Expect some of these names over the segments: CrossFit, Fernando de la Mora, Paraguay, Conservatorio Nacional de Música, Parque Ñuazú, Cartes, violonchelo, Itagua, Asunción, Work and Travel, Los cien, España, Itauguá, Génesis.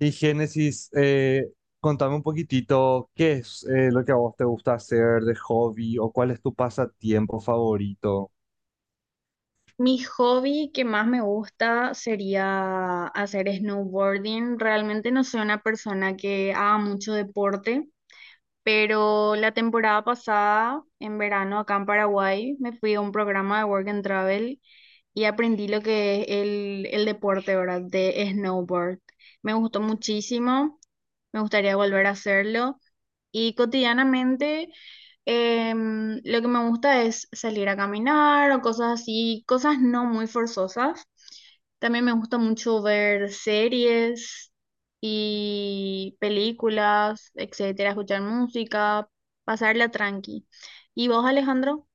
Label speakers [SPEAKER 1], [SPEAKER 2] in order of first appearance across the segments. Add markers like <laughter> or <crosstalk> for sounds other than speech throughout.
[SPEAKER 1] Y Génesis, contame un poquitito qué es lo que a vos te gusta hacer de hobby o cuál es tu pasatiempo favorito.
[SPEAKER 2] Mi hobby que más me gusta sería hacer snowboarding. Realmente no soy una persona que haga mucho deporte, pero la temporada pasada, en verano, acá en Paraguay, me fui a un programa de Work and Travel y aprendí lo que es el deporte, ¿verdad? De snowboard. Me gustó muchísimo, me gustaría volver a hacerlo. Y cotidianamente lo que me gusta es salir a caminar o cosas así, cosas no muy forzosas. También me gusta mucho ver series y películas, etcétera, escuchar música, pasarla tranqui. ¿Y vos, Alejandro?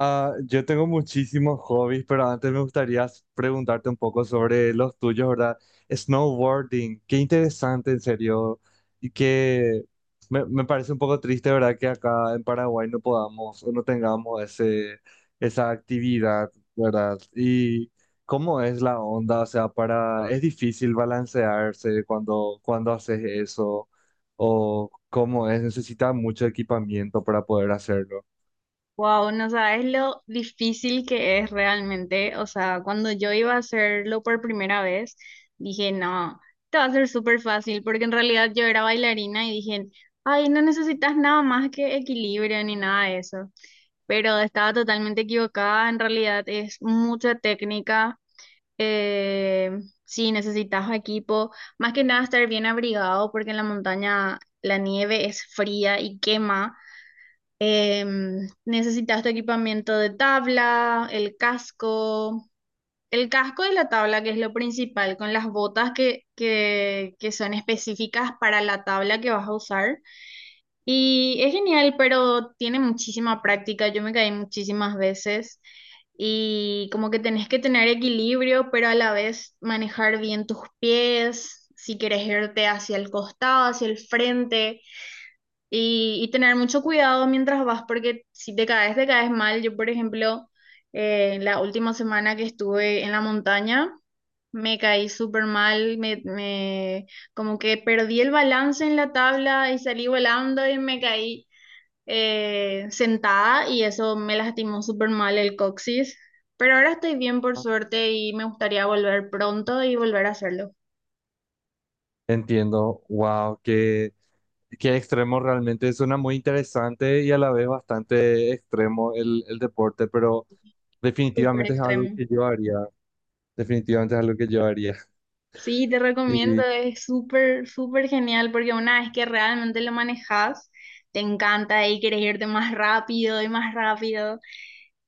[SPEAKER 1] Ah, yo tengo muchísimos hobbies, pero antes me gustaría preguntarte un poco sobre los tuyos, ¿verdad? Snowboarding, qué interesante, en serio. Y que me parece un poco triste, ¿verdad? Que acá en Paraguay no podamos o no tengamos ese, esa actividad, ¿verdad? Y cómo es la onda, o sea, para, es difícil balancearse cuando, cuando haces eso, o cómo es, necesita mucho equipamiento para poder hacerlo.
[SPEAKER 2] Wow, no sabes lo difícil que es realmente. O sea, cuando yo iba a hacerlo por primera vez, dije, no, te va a ser súper fácil, porque en realidad yo era bailarina y dije, ay, no necesitas nada más que equilibrio ni nada de eso. Pero estaba totalmente equivocada. En realidad es mucha técnica. Eh, sí, necesitas equipo. Más que nada estar bien abrigado, porque en la montaña la nieve es fría y quema. Necesitas tu equipamiento de tabla, el casco y la tabla, que es lo principal, con las botas que son específicas para la tabla que vas a usar. Y es genial, pero tiene muchísima práctica. Yo me caí muchísimas veces y como que tenés que tener equilibrio, pero a la vez manejar bien tus pies, si quieres irte hacia el costado, hacia el frente. Y tener mucho cuidado mientras vas, porque si te caes, te caes mal. Yo, por ejemplo, la última semana que estuve en la montaña, me caí súper mal, como que perdí el balance en la tabla y salí volando y me caí sentada y eso me lastimó súper mal el coxis. Pero ahora estoy bien por suerte y me gustaría volver pronto y volver a hacerlo.
[SPEAKER 1] Entiendo, wow, qué, qué extremo realmente. Suena muy interesante y a la vez bastante extremo el deporte, pero
[SPEAKER 2] Súper
[SPEAKER 1] definitivamente es algo
[SPEAKER 2] extremo.
[SPEAKER 1] que yo haría. Definitivamente es algo que yo haría. <laughs>
[SPEAKER 2] Sí, te recomiendo,
[SPEAKER 1] Y,
[SPEAKER 2] es súper, súper genial porque una vez que realmente lo manejas, te encanta y quieres irte más rápido y más rápido.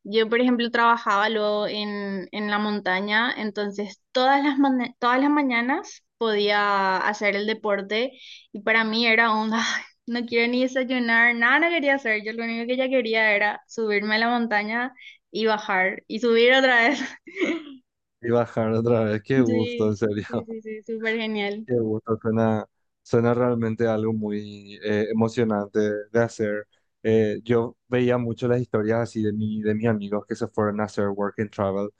[SPEAKER 2] Yo, por ejemplo, trabajaba luego en la montaña, entonces todas las mañanas podía hacer el deporte y para mí era un, "Ay, <laughs> no quiero ni desayunar, nada, no quería hacer. Yo lo único que ya quería era subirme a la montaña y bajar y subir otra vez. <laughs>
[SPEAKER 1] y bajar otra vez, qué gusto, en
[SPEAKER 2] Sí,
[SPEAKER 1] serio.
[SPEAKER 2] sí, sí, sí, súper genial.
[SPEAKER 1] Qué gusto, suena, suena realmente algo muy emocionante de hacer. Yo veía mucho las historias así de mi, de mis amigos que se fueron a hacer work and travel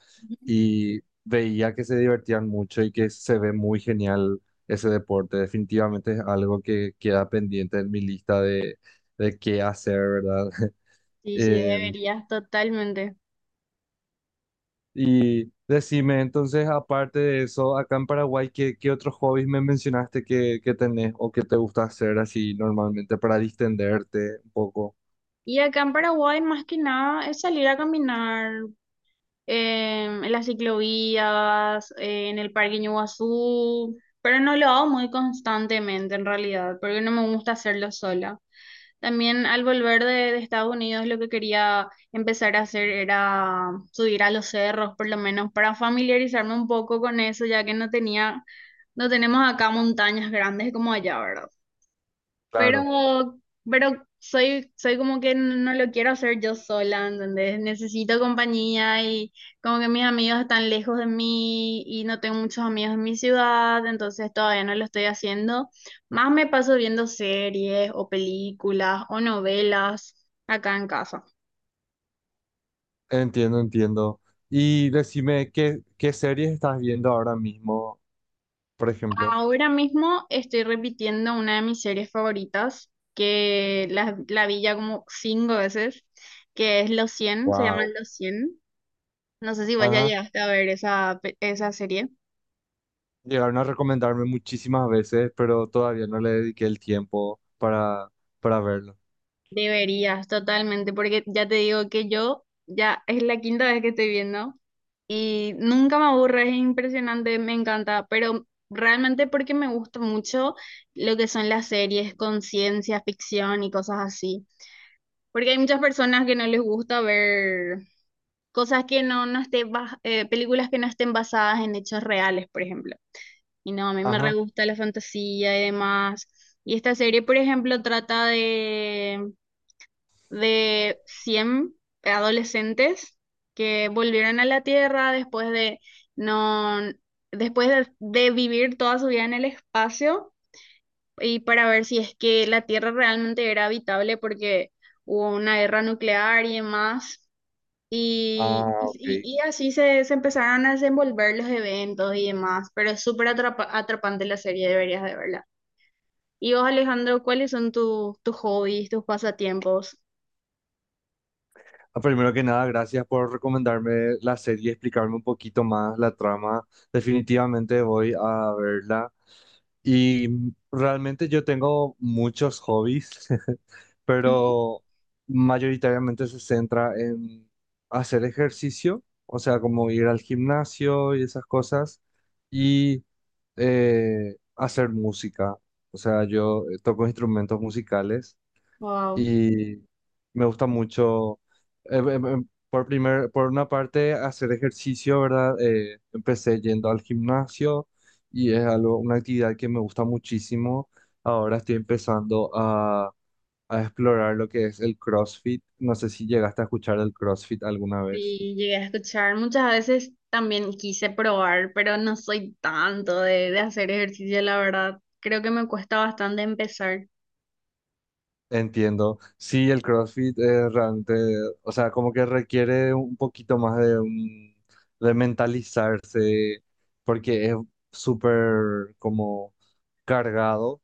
[SPEAKER 1] y veía que se divertían mucho y que se ve muy genial ese deporte. Definitivamente es algo que queda pendiente en mi lista de qué hacer, ¿verdad? <laughs>
[SPEAKER 2] Sí, sí,
[SPEAKER 1] Em,
[SPEAKER 2] deberías totalmente.
[SPEAKER 1] Y decime, entonces, aparte de eso, acá en Paraguay, ¿qué, qué otros hobbies me mencionaste que tenés o que te gusta hacer así normalmente para distenderte un poco?
[SPEAKER 2] Y acá en Paraguay, más que nada, es salir a caminar en las ciclovías, en el Parque Ñuazú, pero no lo hago muy constantemente en realidad, porque no me gusta hacerlo sola. También al volver de Estados Unidos, lo que quería empezar a hacer era subir a los cerros, por lo menos para familiarizarme un poco con eso, ya que no tenía, no tenemos acá montañas grandes como allá, ¿verdad?
[SPEAKER 1] Claro,
[SPEAKER 2] Pero, pero soy como que no lo quiero hacer yo sola, ¿entendés? Necesito compañía y como que mis amigos están lejos de mí y no tengo muchos amigos en mi ciudad, entonces todavía no lo estoy haciendo. Más me paso viendo series o películas o novelas acá en casa.
[SPEAKER 1] entiendo, entiendo. Y decime, ¿qué, qué series estás viendo ahora mismo, por ejemplo?
[SPEAKER 2] Ahora mismo estoy repitiendo una de mis series favoritas, que la vi ya como cinco veces, que es Los cien, se
[SPEAKER 1] Wow.
[SPEAKER 2] llaman Los cien. No sé si vos ya
[SPEAKER 1] Ajá.
[SPEAKER 2] llegaste a ver esa serie.
[SPEAKER 1] Llegaron a recomendarme muchísimas veces, pero todavía no le dediqué el tiempo para verlo.
[SPEAKER 2] Deberías, totalmente, porque ya te digo que yo ya es la quinta vez que estoy viendo y nunca me aburre, es impresionante, me encanta, pero realmente porque me gusta mucho lo que son las series con ciencia ficción y cosas así. Porque hay muchas personas que no les gusta ver cosas que no, no estén, películas que no estén basadas en hechos reales, por ejemplo. Y no, a mí me re
[SPEAKER 1] Ajá.
[SPEAKER 2] gusta la fantasía y demás. Y esta serie, por ejemplo, trata de 100 adolescentes que volvieron a la Tierra después de, no, después de vivir toda su vida en el espacio y para ver si es que la Tierra realmente era habitable porque hubo una guerra nuclear y demás. Y,
[SPEAKER 1] Ah,
[SPEAKER 2] y,
[SPEAKER 1] ok.
[SPEAKER 2] y así se empezaron a desenvolver los eventos y demás, pero es súper atrapante la serie, deberías de verla. Y vos, Alejandro, ¿cuáles son tus hobbies, tus pasatiempos?
[SPEAKER 1] Ah, pues, primero que nada, gracias por recomendarme la serie y explicarme un poquito más la trama. Definitivamente voy a verla. Y realmente yo tengo muchos hobbies, <laughs> pero mayoritariamente se centra en hacer ejercicio, o sea, como ir al gimnasio y esas cosas, y hacer música. O sea, yo toco instrumentos musicales
[SPEAKER 2] Wow,
[SPEAKER 1] y me gusta mucho, por por una parte, hacer ejercicio, ¿verdad? Empecé yendo al gimnasio y es algo, una actividad que me gusta muchísimo. Ahora estoy empezando a explorar lo que es el CrossFit. No sé si llegaste a escuchar el CrossFit alguna vez.
[SPEAKER 2] sí, llegué a escuchar. Muchas veces también quise probar, pero no soy tanto de hacer ejercicio, la verdad. Creo que me cuesta bastante empezar.
[SPEAKER 1] Entiendo. Sí, el CrossFit realmente, o sea, como que requiere un poquito más de, de mentalizarse, porque es súper como cargado,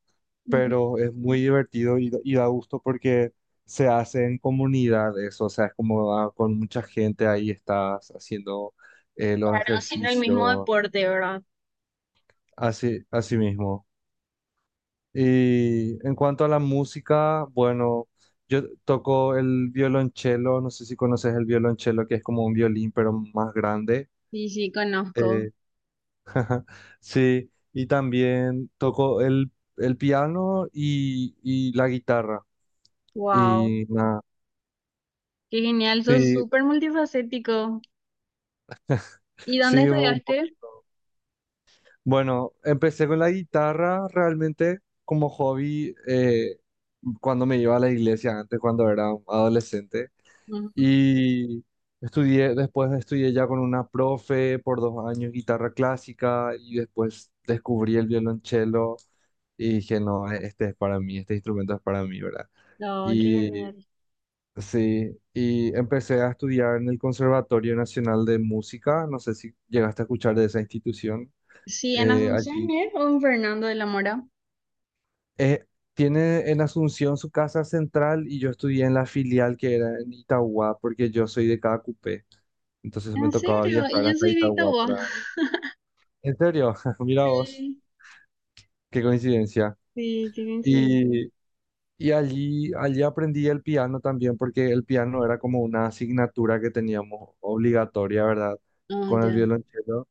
[SPEAKER 2] Ujú.
[SPEAKER 1] pero es muy divertido y da gusto porque se hace en comunidad eso, o sea, es como ah, con mucha gente ahí estás haciendo los
[SPEAKER 2] Claro, haciendo el mismo
[SPEAKER 1] ejercicios,
[SPEAKER 2] deporte, ¿verdad?
[SPEAKER 1] así, así mismo. Y en cuanto a la música, bueno, yo toco el violonchelo, no sé si conoces el violonchelo, que es como un violín, pero más grande.
[SPEAKER 2] Sí, sí, conozco.
[SPEAKER 1] Eh, <laughs> sí, y también toco el piano y la guitarra.
[SPEAKER 2] Wow.
[SPEAKER 1] Y nada,
[SPEAKER 2] Qué genial, sos
[SPEAKER 1] sí,
[SPEAKER 2] súper multifacético. ¿Y dónde
[SPEAKER 1] sí,
[SPEAKER 2] estudiaste?
[SPEAKER 1] bueno, empecé con la guitarra realmente como hobby cuando me iba a la iglesia antes, cuando era adolescente.
[SPEAKER 2] Ujú.
[SPEAKER 1] Y estudié, después estudié ya con una profe por dos años guitarra clásica y después descubrí el violonchelo y dije, no, este es para mí, este instrumento es para mí, ¿verdad?
[SPEAKER 2] No, qué
[SPEAKER 1] Y
[SPEAKER 2] genial.
[SPEAKER 1] sí, y empecé a estudiar en el Conservatorio Nacional de Música, no sé si llegaste a escuchar de esa institución
[SPEAKER 2] Sí, en Asunción,
[SPEAKER 1] allí.
[SPEAKER 2] ¿eh? ¿O en Fernando de la Mora?
[SPEAKER 1] Eh, Tiene en Asunción su casa central y yo estudié en la filial que era en Itagua porque yo soy de Cada. Entonces me
[SPEAKER 2] ¿En
[SPEAKER 1] tocaba
[SPEAKER 2] serio? Y
[SPEAKER 1] viajar
[SPEAKER 2] yo
[SPEAKER 1] hasta
[SPEAKER 2] soy de
[SPEAKER 1] Itagua
[SPEAKER 2] Itauguá.
[SPEAKER 1] para...
[SPEAKER 2] <laughs>
[SPEAKER 1] ¿En serio? <laughs> Mira vos,
[SPEAKER 2] Sí,
[SPEAKER 1] qué coincidencia.
[SPEAKER 2] sí, qué coincidencia.
[SPEAKER 1] Y, y allí, allí aprendí el piano también, porque el piano era como una asignatura que teníamos obligatoria, ¿verdad?
[SPEAKER 2] Ah,
[SPEAKER 1] Con el
[SPEAKER 2] ya.
[SPEAKER 1] violonchelo.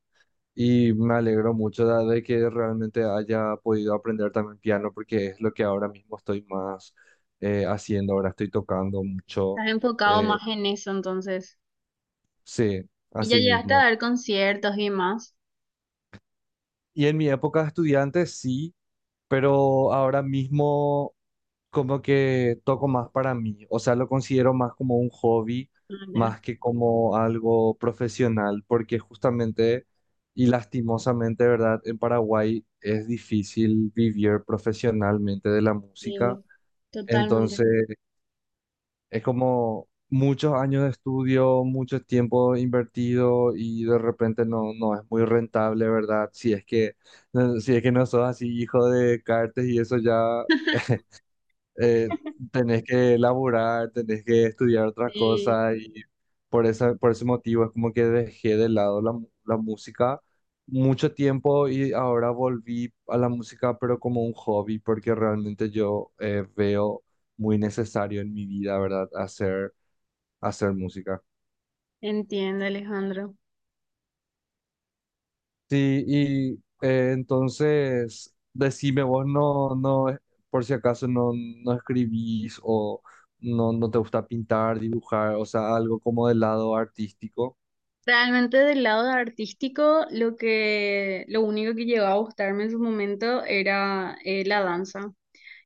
[SPEAKER 1] Y me alegro mucho de que realmente haya podido aprender también piano, porque es lo que ahora mismo estoy más haciendo. Ahora estoy tocando mucho.
[SPEAKER 2] Estás enfocado
[SPEAKER 1] eh,
[SPEAKER 2] más en eso, entonces.
[SPEAKER 1] sí,
[SPEAKER 2] Y ya
[SPEAKER 1] así
[SPEAKER 2] llegaste a
[SPEAKER 1] mismo.
[SPEAKER 2] dar conciertos y más.
[SPEAKER 1] Y en mi época de estudiante, sí. Pero ahora mismo como que toco más para mí, o sea, lo considero más como un hobby,
[SPEAKER 2] Ah, ya.
[SPEAKER 1] más que como algo profesional, porque justamente y lastimosamente, ¿verdad? En Paraguay es difícil vivir profesionalmente de la música,
[SPEAKER 2] Sí,
[SPEAKER 1] entonces
[SPEAKER 2] totalmente.
[SPEAKER 1] es como muchos años de estudio, mucho tiempo invertido y de repente no, no es muy rentable, ¿verdad? Si es que... No, si es que no sos así hijo de Cartes y eso ya
[SPEAKER 2] <laughs>
[SPEAKER 1] eh, tenés que laburar, tenés que estudiar otra
[SPEAKER 2] Sí,
[SPEAKER 1] cosa y por esa, por ese motivo es como que dejé de lado la, la música mucho tiempo y ahora volví a la música pero como un hobby porque realmente yo veo muy necesario en mi vida, ¿verdad? Hacer, hacer música.
[SPEAKER 2] entiendo, Alejandro.
[SPEAKER 1] Sí, y entonces decime vos no, no, por si acaso no, no escribís o no, no te gusta pintar, dibujar, o sea, algo como del lado artístico.
[SPEAKER 2] Realmente del lado artístico, lo único que llegó a gustarme en su momento era la danza.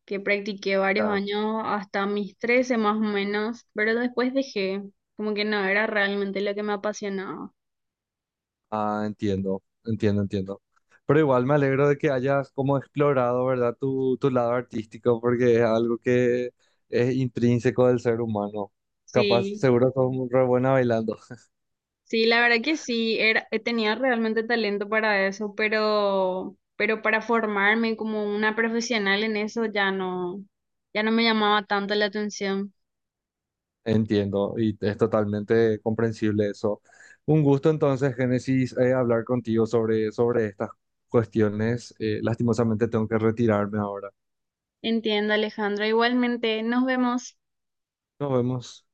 [SPEAKER 2] Que practiqué varios
[SPEAKER 1] Ya.
[SPEAKER 2] años hasta mis 13 más o menos, pero después dejé, como que no era realmente lo que me apasionaba.
[SPEAKER 1] Ah, entiendo, entiendo, entiendo. Pero igual me alegro de que hayas como explorado, ¿verdad? Tu lado artístico, porque es algo que es intrínseco del ser humano. Capaz,
[SPEAKER 2] Sí,
[SPEAKER 1] seguro sos muy re buena bailando.
[SPEAKER 2] sí, la verdad que sí, era, tenía realmente talento para eso, pero para formarme como una profesional en eso ya no, ya no me llamaba tanto la atención.
[SPEAKER 1] Entiendo y es totalmente comprensible eso. Un gusto entonces, Génesis, hablar contigo sobre, sobre estas cuestiones. Lastimosamente tengo que retirarme ahora.
[SPEAKER 2] Entiendo, Alejandro. Igualmente, nos vemos.
[SPEAKER 1] Nos vemos.